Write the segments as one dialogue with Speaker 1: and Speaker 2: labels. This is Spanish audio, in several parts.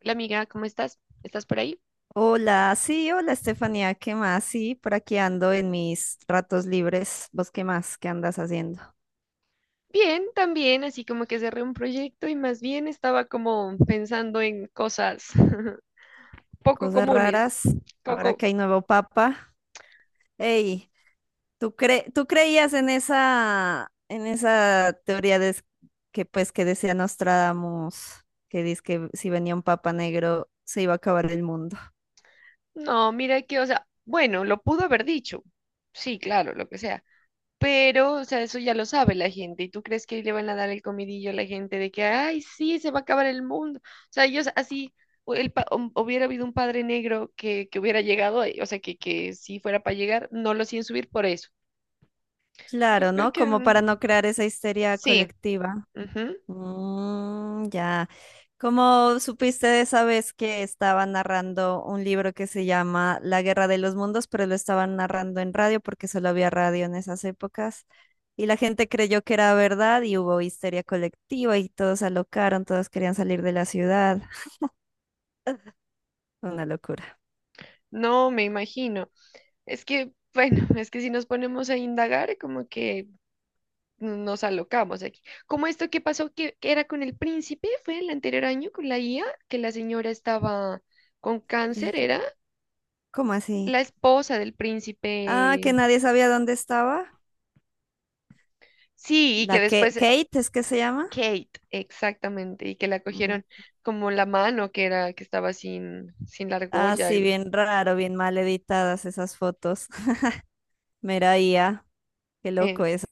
Speaker 1: Hola amiga, ¿cómo estás? ¿Estás por ahí?
Speaker 2: Hola, sí, hola Estefanía, ¿qué más? Sí, por aquí ando en mis ratos libres. ¿Vos qué más? ¿Qué andas haciendo?
Speaker 1: Bien, también, así como que cerré un proyecto y más bien estaba como pensando en cosas poco
Speaker 2: Cosas
Speaker 1: comunes.
Speaker 2: raras, ahora
Speaker 1: Coco,
Speaker 2: que hay nuevo papa. Ey, tú creías en esa teoría que pues que decía Nostradamus, que dice que si venía un papa negro se iba a acabar el mundo?
Speaker 1: no, mira que, o sea, bueno, lo pudo haber dicho. Sí, claro, lo que sea. Pero, o sea, eso ya lo sabe la gente. ¿Y tú crees que le van a dar el comidillo a la gente de que, ay, sí, se va a acabar el mundo? O sea, ellos así, o el hubiera habido un padre negro que hubiera llegado, o sea, que si fuera para llegar, no lo hacían subir por eso. Yo
Speaker 2: Claro,
Speaker 1: creo
Speaker 2: ¿no?
Speaker 1: que
Speaker 2: Como para no
Speaker 1: mm,
Speaker 2: crear esa histeria
Speaker 1: sí,
Speaker 2: colectiva.
Speaker 1: ujú.
Speaker 2: Ya. ¿Cómo supiste de esa vez que estaba narrando un libro que se llama La Guerra de los Mundos, pero lo estaban narrando en radio porque solo había radio en esas épocas? Y la gente creyó que era verdad y hubo histeria colectiva y todos se alocaron, todos querían salir de la ciudad. Una locura.
Speaker 1: No, me imagino. Es que, bueno, es que si nos ponemos a indagar, como que no, nos alocamos aquí. Como esto que pasó, que era con el príncipe, fue el anterior año con la IA, que la señora estaba con cáncer, era
Speaker 2: Príncipe. ¿Cómo así?
Speaker 1: la esposa del
Speaker 2: Ah, que
Speaker 1: príncipe.
Speaker 2: nadie sabía dónde estaba.
Speaker 1: Sí, y que
Speaker 2: La que
Speaker 1: después
Speaker 2: Kate es que se llama.
Speaker 1: Kate, exactamente, y que la
Speaker 2: Mm.
Speaker 1: cogieron como la mano que era, que estaba sin, sin la
Speaker 2: Ah,
Speaker 1: argolla.
Speaker 2: sí,
Speaker 1: Algo.
Speaker 2: bien raro, bien mal editadas esas fotos. Mera IA. Qué loco eso.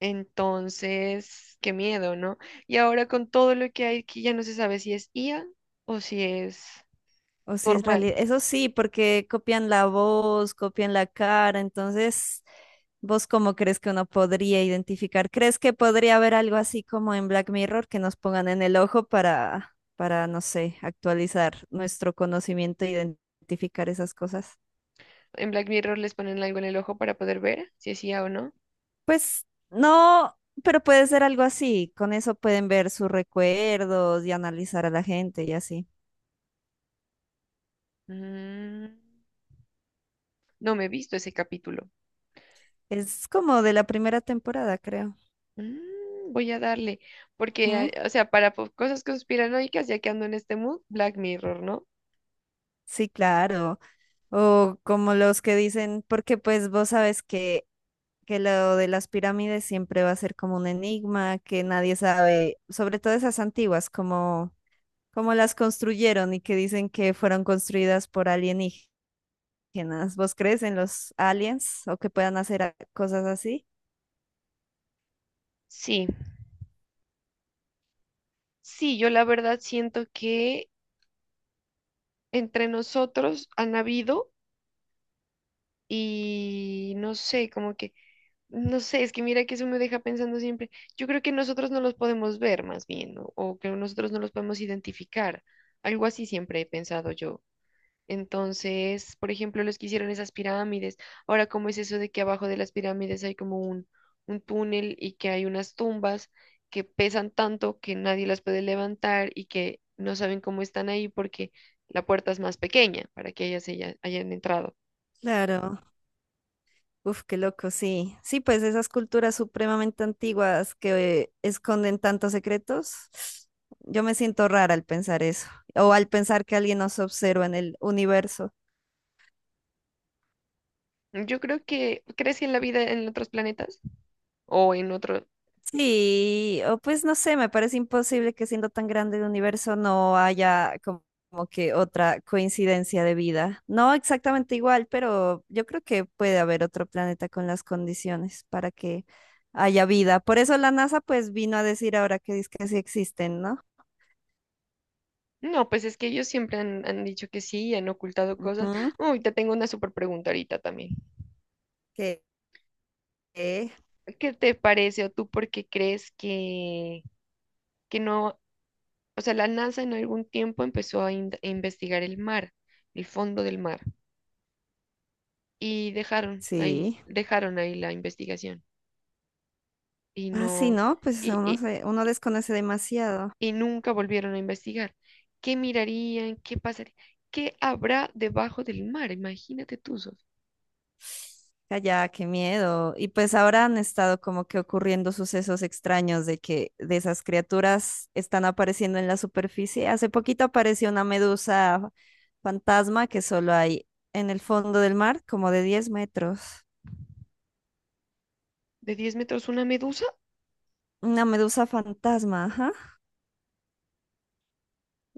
Speaker 1: Entonces, qué miedo, ¿no? Y ahora con todo lo que hay aquí ya no se sabe si es IA o si es
Speaker 2: O si es
Speaker 1: normal.
Speaker 2: realidad. Eso sí, porque copian la voz, copian la cara. Entonces, ¿vos cómo crees que uno podría identificar? ¿Crees que podría haber algo así como en Black Mirror que nos pongan en el ojo no sé, actualizar nuestro conocimiento e identificar esas cosas?
Speaker 1: En Black Mirror les ponen algo en el ojo para poder ver si es IA o no.
Speaker 2: Pues no, pero puede ser algo así. Con eso pueden ver sus recuerdos y analizar a la gente y así.
Speaker 1: Mm, no me he visto ese capítulo.
Speaker 2: Es como de la primera temporada, creo.
Speaker 1: Mm, voy a darle, porque,
Speaker 2: Ujú.
Speaker 1: o sea, cosas conspiranoicas, ya que ando en este mood, Black Mirror, ¿no?
Speaker 2: Sí, claro. O como los que dicen, porque pues vos sabes que lo de las pirámides siempre va a ser como un enigma, que nadie sabe, sobre todo esas antiguas, como, como las construyeron y que dicen que fueron construidas por alienígenas. ¿Vos crees en los aliens o que puedan hacer cosas así?
Speaker 1: Sí, sí, yo la verdad siento que entre nosotros han habido y no sé, como que no sé, es que mira que eso me deja pensando siempre. Yo creo que nosotros no los podemos ver más bien, o que nosotros no los podemos identificar. Algo así siempre he pensado yo. Entonces, por ejemplo, los que hicieron esas pirámides, ahora cómo es eso de que abajo de las pirámides hay como un túnel y que hay unas tumbas que pesan tanto que nadie las puede levantar y que no saben cómo están ahí porque la puerta es más pequeña para que hayan entrado.
Speaker 2: Claro. Uf, qué loco, sí. Sí, pues esas culturas supremamente antiguas que esconden tantos secretos, yo me siento rara al pensar eso, o al pensar que alguien nos observa en el universo.
Speaker 1: Yo creo que, ¿crees que en la vida en otros planetas? O en otro,
Speaker 2: Sí, o pues no sé, me parece imposible que siendo tan grande el universo no haya como que otra coincidencia de vida. No exactamente igual, pero yo creo que puede haber otro planeta con las condiciones para que haya vida. Por eso la NASA pues vino a decir ahora que dice que sí existen, ¿no?
Speaker 1: no, pues es que ellos siempre han, han dicho que sí y han ocultado cosas.
Speaker 2: Ujú,
Speaker 1: Uy, te tengo una súper pregunta ahorita también.
Speaker 2: que que
Speaker 1: ¿Qué te parece o tú por qué crees que no, o sea, la NASA en algún tiempo empezó a investigar el mar, el fondo del mar, y
Speaker 2: sí.
Speaker 1: dejaron ahí la investigación y
Speaker 2: Ah, sí,
Speaker 1: no,
Speaker 2: ¿no? Pues
Speaker 1: y, y,
Speaker 2: uno desconoce demasiado.
Speaker 1: y nunca volvieron a investigar. ¿Qué mirarían? ¿Qué pasaría? ¿Qué habrá debajo del mar? Imagínate tú, Sof,
Speaker 2: Calla, qué miedo. Y pues ahora han estado como que ocurriendo sucesos extraños de que de esas criaturas están apareciendo en la superficie. Hace poquito apareció una medusa fantasma que solo hay en el fondo del mar, como de 10 metros.
Speaker 1: de 10 metros una medusa.
Speaker 2: Una medusa fantasma, ajá.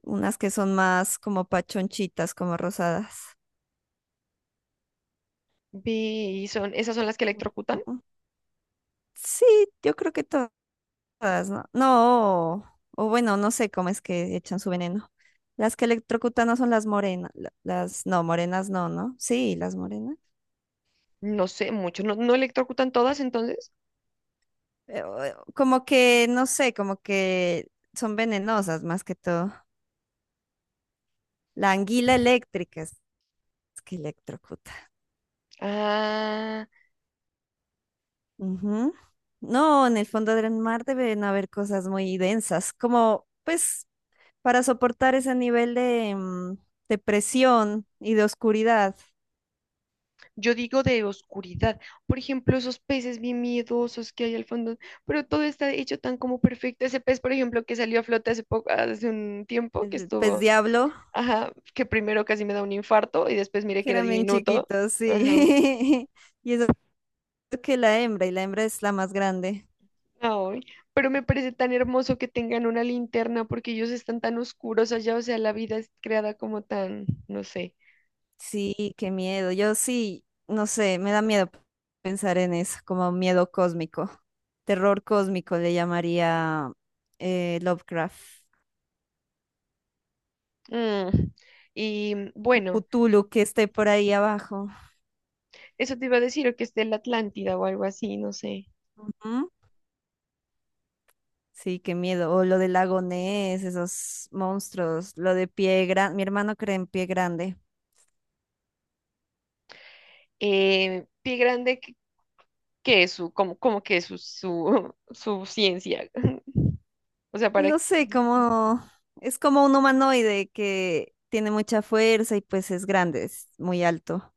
Speaker 2: Unas que son más como pachonchitas, como rosadas.
Speaker 1: Vi, son, esas son las que electrocutan.
Speaker 2: Ujú. Sí, yo creo que todas. Todas, ¿no? No, o bueno, no sé cómo es que echan su veneno. Las que electrocutan no son las morenas, las no, morenas no, ¿no? Sí, las morenas.
Speaker 1: No sé mucho, no, no electrocutan todas entonces.
Speaker 2: Como que, no sé, como que son venenosas más que todo. La anguila eléctrica es que electrocuta.
Speaker 1: Ah,
Speaker 2: Ujú. No, en el fondo del mar deben haber cosas muy densas, como pues para soportar ese nivel de, de presión y de oscuridad.
Speaker 1: yo digo de oscuridad. Por ejemplo, esos peces bien miedosos que hay al fondo, pero todo está hecho tan como perfecto. Ese pez, por ejemplo, que salió a flote hace poco, hace un tiempo, que
Speaker 2: El pez
Speaker 1: estuvo,
Speaker 2: diablo.
Speaker 1: ajá, que primero casi me da un infarto y después miré
Speaker 2: Que
Speaker 1: que era
Speaker 2: eran bien
Speaker 1: diminuto.
Speaker 2: chiquitos,
Speaker 1: Ajá.
Speaker 2: sí. Y eso que la hembra, y la hembra es la más grande.
Speaker 1: Ay, pero me parece tan hermoso que tengan una linterna porque ellos están tan oscuros allá, o sea, la vida es creada como tan, no sé.
Speaker 2: Sí, qué miedo. Yo sí, no sé, me da miedo pensar en eso, como miedo cósmico. Terror cósmico le llamaría Lovecraft.
Speaker 1: Mm, y mm,
Speaker 2: Un
Speaker 1: bueno,
Speaker 2: Cthulhu que esté por ahí abajo.
Speaker 1: eso te iba a decir, o que es de la Atlántida o algo así, no sé.
Speaker 2: Ujú. Sí, qué miedo. O lo del lago Ness, esos monstruos, lo de pie grande. Mi hermano cree en pie grande.
Speaker 1: Pie Grande, ¿qué qué es su, cómo, cómo que es su ciencia? O sea, para...
Speaker 2: No sé, como es como un humanoide que tiene mucha fuerza y pues es grande, es muy alto.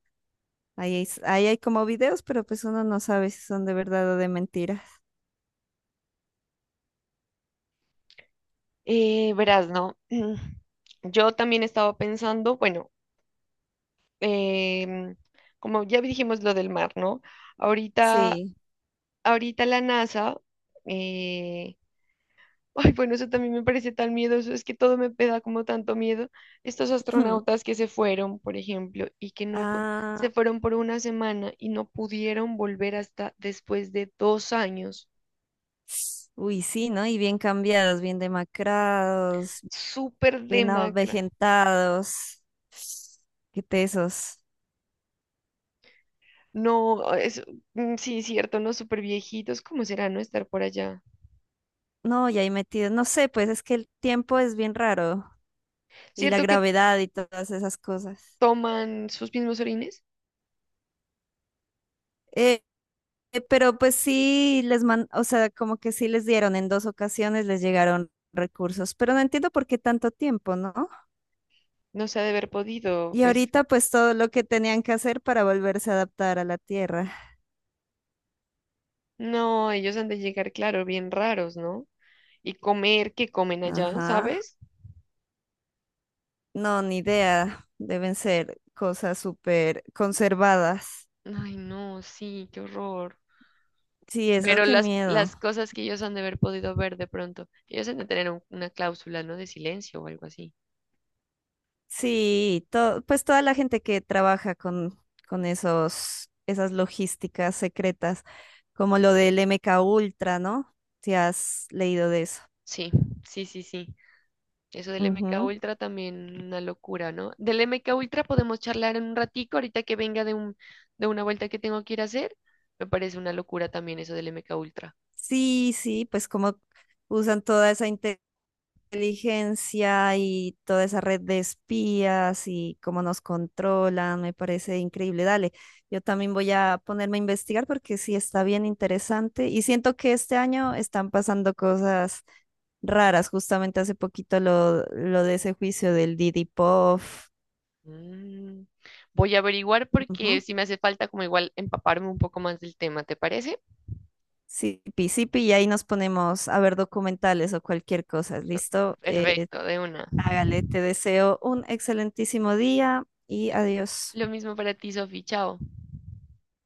Speaker 2: Ahí hay como videos, pero pues uno no sabe si son de verdad o de mentiras.
Speaker 1: Verás, ¿no? Yo también estaba pensando, bueno, em, como ya dijimos lo del mar, ¿no? Ahorita,
Speaker 2: Sí.
Speaker 1: ahorita la NASA, eh, ay, bueno, eso también me parece tan miedoso, es que todo me da como tanto miedo. Estos astronautas que se fueron, por ejemplo, y que no,
Speaker 2: Ah,
Speaker 1: se fueron por una semana y no pudieron volver hasta después de 2 años.
Speaker 2: uy, sí, ¿no? Y bien cambiados, bien demacrados,
Speaker 1: Súper
Speaker 2: bien
Speaker 1: demacra.
Speaker 2: avejentados. Qué tesos.
Speaker 1: No, ah, es, mm, sí, cierto, no, súper viejitos. ¿Cómo será no estar por allá?
Speaker 2: No, y ahí metidos. No sé, pues es que el tiempo es bien raro y la
Speaker 1: ¿Cierto que
Speaker 2: gravedad y todas esas cosas.
Speaker 1: toman sus mismos orines?
Speaker 2: Eh, Pero pues sí les man, o sea, como que sí les dieron en dos ocasiones, les llegaron recursos, pero no entiendo por qué tanto tiempo, ¿no?
Speaker 1: No se ha de haber podido,
Speaker 2: Y
Speaker 1: pues,
Speaker 2: ahorita pues todo lo que tenían que hacer para volverse a adaptar a la Tierra.
Speaker 1: no, ellos han de llegar, claro, bien raros, ¿no? Y comer, que comen allá,
Speaker 2: Ajá.
Speaker 1: ¿sabes?
Speaker 2: No, ni idea. Deben ser cosas súper conservadas.
Speaker 1: Ay, no, sí, qué horror.
Speaker 2: Sí, eso,
Speaker 1: Pero
Speaker 2: qué miedo.
Speaker 1: las cosas que ellos han de haber podido ver de pronto, ellos han de tener una cláusula, ¿no? De silencio o algo así.
Speaker 2: Sí, pues toda la gente que trabaja con esos, esas logísticas secretas, como lo del MK Ultra, ¿no? Si has leído de eso.
Speaker 1: Sí, sí, sí, sí. Eso del MK
Speaker 2: Ujú.
Speaker 1: Ultra también una locura, ¿no? Del MK Ultra podemos charlar en un ratico, ahorita que venga de un, de una vuelta que tengo que ir a hacer. Me parece una locura también eso del MK Ultra.
Speaker 2: Sí, sí, pues como usan toda esa inteligencia y toda esa red de espías y cómo nos controlan, me parece increíble. Dale, yo también voy a ponerme a investigar porque sí está bien interesante y siento que este año están pasando cosas raras, justamente hace poquito lo de ese juicio del Didi Pop,
Speaker 1: Mm, voy a averiguar porque
Speaker 2: ujú,
Speaker 1: si me hace falta como igual empaparme un poco más del tema, ¿te parece?
Speaker 2: sí, Sipi, Sipi, y ahí nos ponemos a ver documentales o cualquier cosa, ¿listo?
Speaker 1: Perfecto, de una.
Speaker 2: Hágale, te deseo un excelentísimo día y adiós.
Speaker 1: Lo mismo para ti, Sofi. Chao.